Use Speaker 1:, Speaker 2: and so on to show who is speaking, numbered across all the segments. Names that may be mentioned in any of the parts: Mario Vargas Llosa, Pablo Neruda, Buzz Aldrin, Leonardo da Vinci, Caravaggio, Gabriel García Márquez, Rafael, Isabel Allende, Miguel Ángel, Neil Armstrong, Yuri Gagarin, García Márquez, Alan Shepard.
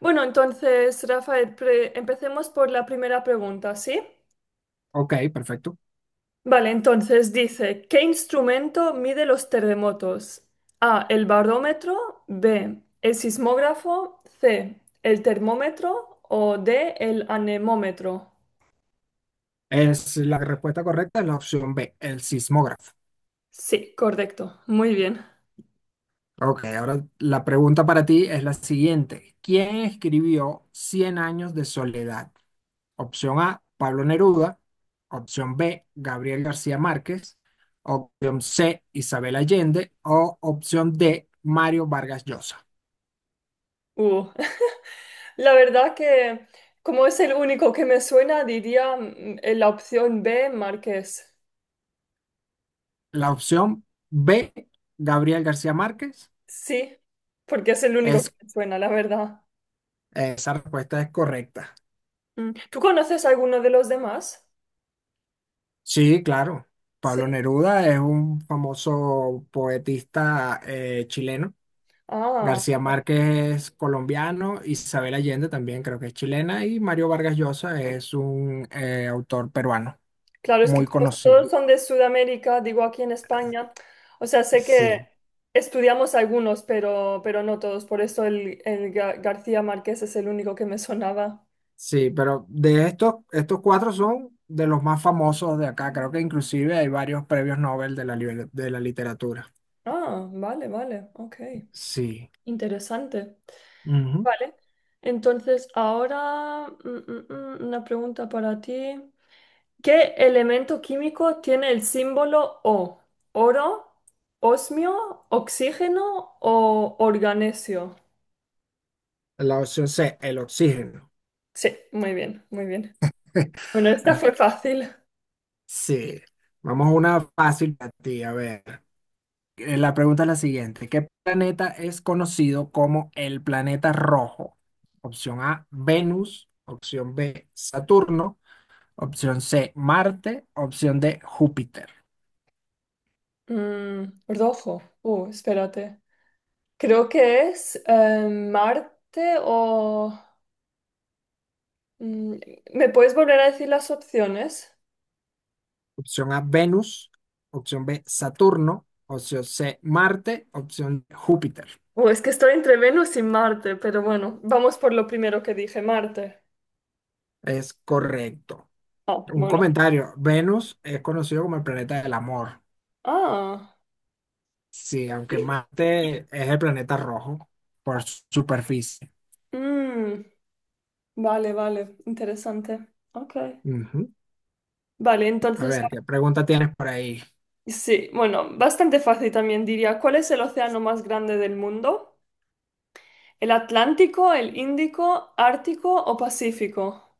Speaker 1: Bueno, entonces, Rafael, empecemos por la primera pregunta, ¿sí?
Speaker 2: Ok, perfecto.
Speaker 1: Vale, entonces dice, ¿qué instrumento mide los terremotos? A, el barómetro, B, el sismógrafo, C, el termómetro o D, el anemómetro.
Speaker 2: Es la respuesta correcta es la opción B, el sismógrafo.
Speaker 1: Sí, correcto, muy bien.
Speaker 2: Ok, ahora la pregunta para ti es la siguiente. ¿Quién escribió Cien años de soledad? Opción A, Pablo Neruda. Opción B, Gabriel García Márquez. Opción C, Isabel Allende. O opción D, Mario Vargas Llosa.
Speaker 1: Uh, La verdad que como es el único que me suena, diría la opción B, Marqués.
Speaker 2: La opción B, Gabriel García Márquez,
Speaker 1: Sí, porque es el único que
Speaker 2: es,
Speaker 1: me suena, la verdad.
Speaker 2: esa respuesta es correcta.
Speaker 1: ¿Tú conoces alguno de los demás?
Speaker 2: Sí, claro.
Speaker 1: Sí.
Speaker 2: Pablo Neruda es un famoso poetista chileno.
Speaker 1: Ah,
Speaker 2: García Márquez es colombiano, Isabel Allende también creo que es chilena y Mario Vargas Llosa es un autor peruano
Speaker 1: claro, es que
Speaker 2: muy
Speaker 1: como
Speaker 2: conocido.
Speaker 1: todos son de Sudamérica, digo aquí en España, o sea, sé que
Speaker 2: Sí,
Speaker 1: estudiamos algunos, pero no todos, por eso el García Márquez es el único que me sonaba.
Speaker 2: sí, pero de estos cuatro son de los más famosos de acá. Creo que inclusive hay varios premios Nobel de de la literatura.
Speaker 1: Ah, vale, vale, ok,
Speaker 2: Sí.
Speaker 1: interesante.
Speaker 2: Ujú.
Speaker 1: Vale, entonces ahora una pregunta para ti. ¿Qué elemento químico tiene el símbolo O? ¿Oro, osmio, oxígeno o organesio?
Speaker 2: La opción C, el oxígeno.
Speaker 1: Sí, muy bien, muy bien. Bueno, esta fue fácil.
Speaker 2: Sí, vamos a una fácil para ti. A ver, la pregunta es la siguiente. ¿Qué planeta es conocido como el planeta rojo? Opción A, Venus. Opción B, Saturno. Opción C, Marte. Opción D, Júpiter.
Speaker 1: Rojo. Espérate. Creo que es Marte mm, ¿Me puedes volver a decir las opciones?
Speaker 2: Opción A, Venus. Opción B, Saturno. Opción C, Marte. Opción D, Júpiter.
Speaker 1: Es que estoy entre Venus y Marte, pero bueno, vamos por lo primero que dije, Marte.
Speaker 2: Es correcto.
Speaker 1: Ah,
Speaker 2: Un
Speaker 1: bueno.
Speaker 2: comentario. Venus es conocido como el planeta del amor.
Speaker 1: Ah.
Speaker 2: Sí, aunque Marte es el planeta rojo por su superficie.
Speaker 1: Mm. Vale, vale, interesante. Ok.
Speaker 2: Ujú.
Speaker 1: Vale,
Speaker 2: A
Speaker 1: entonces,
Speaker 2: ver, ¿qué pregunta tienes por ahí?
Speaker 1: sí, bueno, bastante fácil también diría. ¿Cuál es el océano más grande del mundo? ¿El Atlántico, el Índico, Ártico o Pacífico?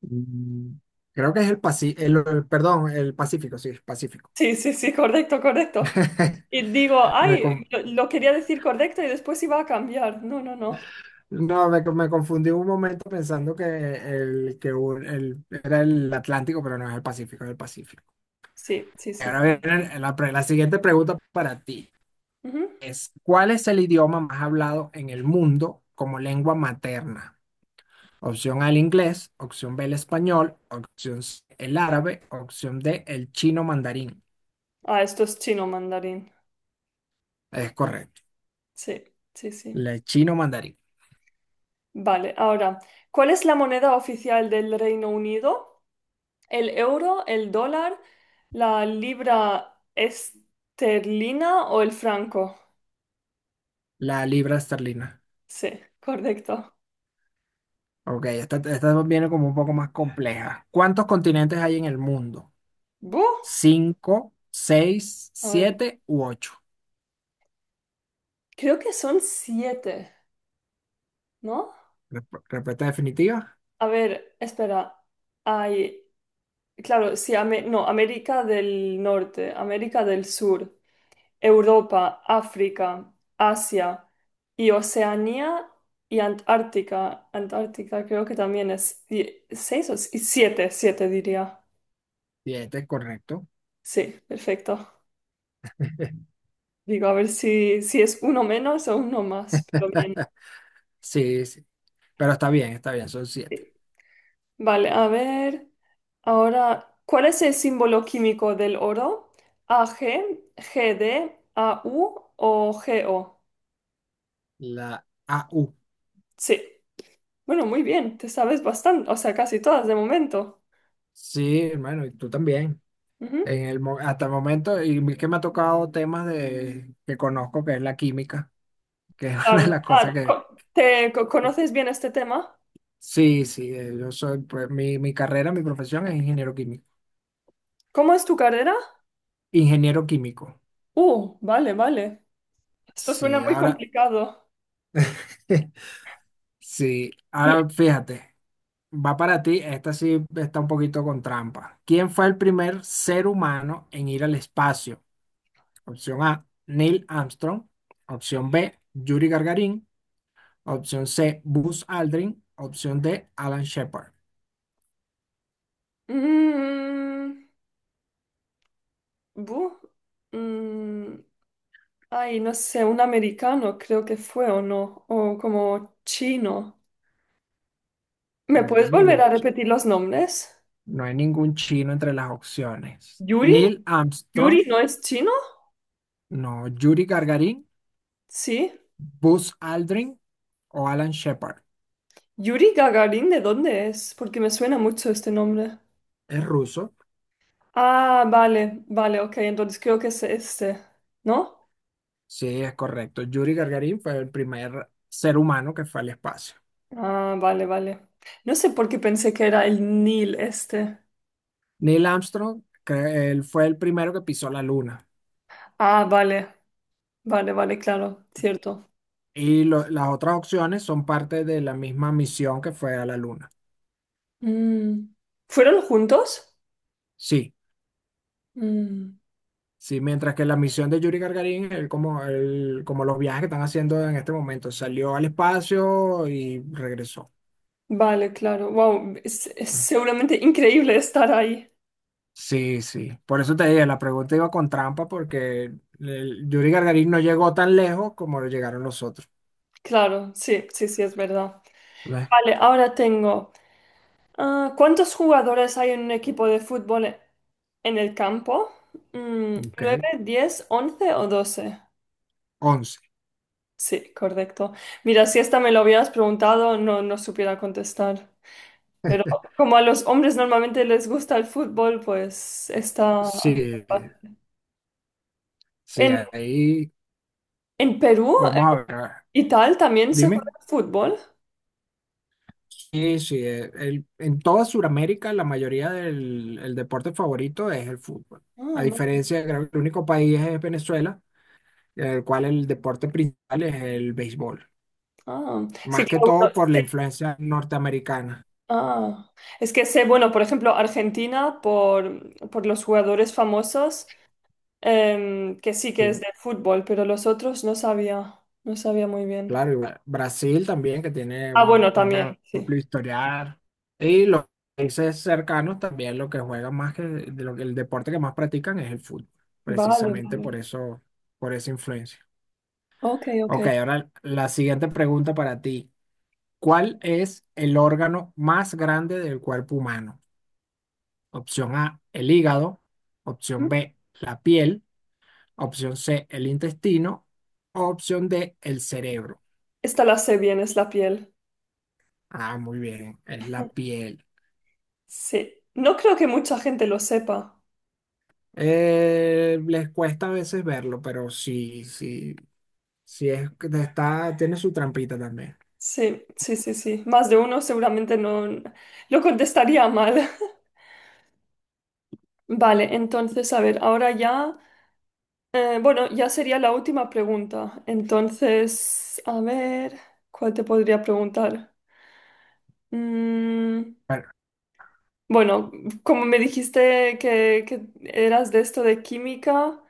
Speaker 2: Mm, creo que es el Pacífico, perdón, el Pacífico, sí, el Pacífico.
Speaker 1: Sí, sí, sí, correcto, correcto. Y digo,
Speaker 2: Me
Speaker 1: ay,
Speaker 2: con-
Speaker 1: lo quería decir correcto y después iba a cambiar. No, no, no.
Speaker 2: no, me confundí un momento pensando que era el Atlántico, pero no es el Pacífico, es el Pacífico.
Speaker 1: Sí, sí, sí,
Speaker 2: Ahora
Speaker 1: correcto.
Speaker 2: viene la siguiente pregunta para ti.
Speaker 1: Ujú.
Speaker 2: Es, ¿cuál es el idioma más hablado en el mundo como lengua materna? Opción A, el inglés. Opción B, el español. Opción C, el árabe. Opción D, el chino mandarín.
Speaker 1: Ah, esto es chino mandarín.
Speaker 2: Es correcto.
Speaker 1: Sí, sí, sí.
Speaker 2: El chino mandarín.
Speaker 1: Vale, ahora, ¿cuál es la moneda oficial del Reino Unido? El euro, el dólar, la libra esterlina o el franco.
Speaker 2: La libra esterlina.
Speaker 1: Sí, correcto.
Speaker 2: Ok, esta viene como un poco más compleja. ¿Cuántos continentes hay en el mundo?
Speaker 1: ¡Buh!
Speaker 2: ¿Cinco, seis,
Speaker 1: A ver,
Speaker 2: siete u ocho?
Speaker 1: creo que son siete, ¿no?
Speaker 2: Respuesta definitiva.
Speaker 1: A ver, espera. Hay, claro, sí, no, América del Norte, América del Sur, Europa, África, Asia y Oceanía y Antártica. Antártica creo que también es seis o siete, siete diría.
Speaker 2: Siete, correcto.
Speaker 1: Sí, perfecto. Digo, a ver si, si es uno menos o uno más, pero bien.
Speaker 2: Sí, sí. Pero está bien, son siete.
Speaker 1: Sí. Vale, a ver. Ahora, ¿cuál es el símbolo químico del oro? ¿AG, GD, AU o GO?
Speaker 2: La a u.
Speaker 1: Sí. Bueno, muy bien, te sabes bastante, o sea, casi todas de momento.
Speaker 2: Sí, hermano, y tú también.
Speaker 1: Ujú.
Speaker 2: En hasta el momento, y que me ha tocado temas de, que conozco, que es la química, que es una de
Speaker 1: Claro.
Speaker 2: las
Speaker 1: Ah,
Speaker 2: cosas que…
Speaker 1: ¿te conoces bien este tema?
Speaker 2: Sí, sí, yo soy, pues, mi carrera, mi profesión es ingeniero químico.
Speaker 1: ¿Cómo es tu carrera?
Speaker 2: Ingeniero químico.
Speaker 1: Vale, vale. Esto suena
Speaker 2: Sí,
Speaker 1: muy
Speaker 2: ahora,
Speaker 1: complicado.
Speaker 2: sí,
Speaker 1: Y-
Speaker 2: ahora fíjate, va para ti, esta sí está un poquito con trampa. ¿Quién fue el primer ser humano en ir al espacio? Opción A, Neil Armstrong. Opción B, Yuri Gagarin. Opción C, Buzz Aldrin. Opción D, Alan Shepard.
Speaker 1: Mm, bu- mm, Ay, no sé, un americano creo que fue o no, o como chino. ¿Me
Speaker 2: No hay
Speaker 1: puedes volver a
Speaker 2: ningún chi-
Speaker 1: repetir los nombres?
Speaker 2: No hay ningún chino entre las opciones.
Speaker 1: Yuri,
Speaker 2: Neil
Speaker 1: Yuri
Speaker 2: Armstrong,
Speaker 1: no es chino,
Speaker 2: no. Yuri Gagarin,
Speaker 1: sí.
Speaker 2: Buzz Aldrin o Alan Shepard.
Speaker 1: Yuri Gagarin, ¿de dónde es? Porque me suena mucho este nombre.
Speaker 2: Es ruso.
Speaker 1: Ah, vale, vale, ok, entonces creo que es este, ¿no?
Speaker 2: Sí, es correcto. Yuri Gagarin fue el primer ser humano que fue al espacio.
Speaker 1: Ah, vale, vale. No sé por qué pensé que era el Nil este.
Speaker 2: Neil Armstrong, que él fue el primero que pisó la luna.
Speaker 1: Ah, vale, vale, vale, claro, cierto.
Speaker 2: Las otras opciones son parte de la misma misión que fue a la luna.
Speaker 1: Mm. ¿Fueron juntos?
Speaker 2: Sí.
Speaker 1: Mm.
Speaker 2: Sí, mientras que la misión de Yuri Gagarin, él, como los viajes que están haciendo en este momento, salió al espacio y regresó.
Speaker 1: Vale, claro. Wow, es seguramente increíble estar ahí.
Speaker 2: Sí, sí. Por eso te dije, la pregunta iba con trampa porque el Yuri Gagarin no llegó tan lejos como llegaron los otros.
Speaker 1: Claro, sí, sí, sí, es verdad.
Speaker 2: ¿Ves?
Speaker 1: Vale, ahora tengo. ¿Cuántos jugadores hay en un equipo de fútbol en el campo?
Speaker 2: Ok,
Speaker 1: ¿Nueve, diez, once o doce?
Speaker 2: 11.
Speaker 1: Sí, correcto. Mira, si esta me lo hubieras preguntado, no, no supiera contestar. Pero como a los hombres normalmente les gusta el fútbol, pues está.
Speaker 2: Sí, sí,
Speaker 1: En,
Speaker 2: ahí
Speaker 1: en Perú
Speaker 2: vamos a ver.
Speaker 1: y tal también se juega
Speaker 2: Dime.
Speaker 1: fútbol.
Speaker 2: Sí, sí, en toda Sudamérica la mayoría del el deporte favorito es el fútbol.
Speaker 1: Ah,
Speaker 2: A
Speaker 1: vale.
Speaker 2: diferencia, creo que el único país es Venezuela, en el cual el deporte principal es el béisbol.
Speaker 1: Ah, sí,
Speaker 2: Más que
Speaker 1: claro,
Speaker 2: todo
Speaker 1: bueno,
Speaker 2: por la
Speaker 1: sí.
Speaker 2: influencia norteamericana.
Speaker 1: Ah, es que sé, bueno, por ejemplo, Argentina, por los jugadores famosos, que sí que es
Speaker 2: Sí.
Speaker 1: de fútbol, pero los otros no sabía muy bien.
Speaker 2: Claro, y Brasil también, que tiene
Speaker 1: Ah,
Speaker 2: un
Speaker 1: bueno,
Speaker 2: un
Speaker 1: también, sí.
Speaker 2: amplio historial. Y los países cercanos también lo que juegan más que de lo que el deporte que más practican es el fútbol,
Speaker 1: Vale,
Speaker 2: precisamente
Speaker 1: vale.
Speaker 2: por eso, por esa influencia.
Speaker 1: Ok, ok.
Speaker 2: Ok, ahora la siguiente pregunta para ti. ¿Cuál es el órgano más grande del cuerpo humano? Opción A, el hígado. Opción
Speaker 1: Mm.
Speaker 2: B, la piel. Opción C, el intestino. Opción D, el cerebro.
Speaker 1: Esta la sé bien, es la piel.
Speaker 2: Ah, muy bien, es la piel.
Speaker 1: Sí. No creo que mucha gente lo sepa.
Speaker 2: Les cuesta a veces verlo, pero sí, sí, sí es que te está, tiene su trampita también.
Speaker 1: Sí, sí, sí, sí. Más de uno seguramente no lo contestaría mal. Vale, entonces, a ver, ahora ya. Bueno, ya sería la última pregunta. Entonces, a ver, ¿cuál te podría preguntar? Mm,
Speaker 2: Bueno,
Speaker 1: bueno, como me dijiste que eras de esto de química,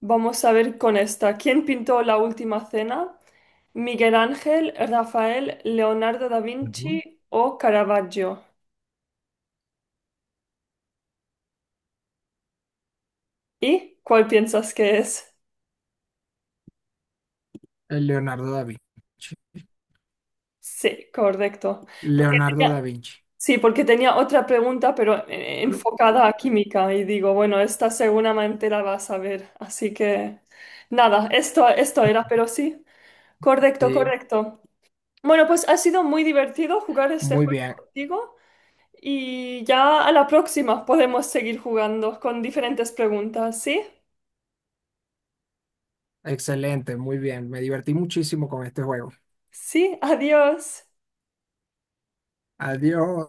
Speaker 1: vamos a ver con esta. ¿Quién pintó la última cena? ¿Miguel Ángel, Rafael, Leonardo da
Speaker 2: ujú,
Speaker 1: Vinci o Caravaggio? ¿Y cuál piensas que es?
Speaker 2: el Leonardo da Vinci.
Speaker 1: Sí, correcto. Porque
Speaker 2: Leonardo da
Speaker 1: tenía-
Speaker 2: Vinci.
Speaker 1: Sí, porque tenía otra pregunta, pero
Speaker 2: Aló, aló,
Speaker 1: enfocada a
Speaker 2: aló.
Speaker 1: química. Y digo, bueno, esta seguramente la vas a ver. Así que nada, esto era, pero sí, correcto,
Speaker 2: Sí,
Speaker 1: correcto. Bueno, pues ha sido muy divertido jugar este
Speaker 2: muy
Speaker 1: juego
Speaker 2: bien,
Speaker 1: contigo y ya a la próxima podemos seguir jugando con diferentes preguntas, ¿sí?
Speaker 2: excelente, muy bien. Me divertí muchísimo con este juego.
Speaker 1: Sí, adiós.
Speaker 2: Adiós.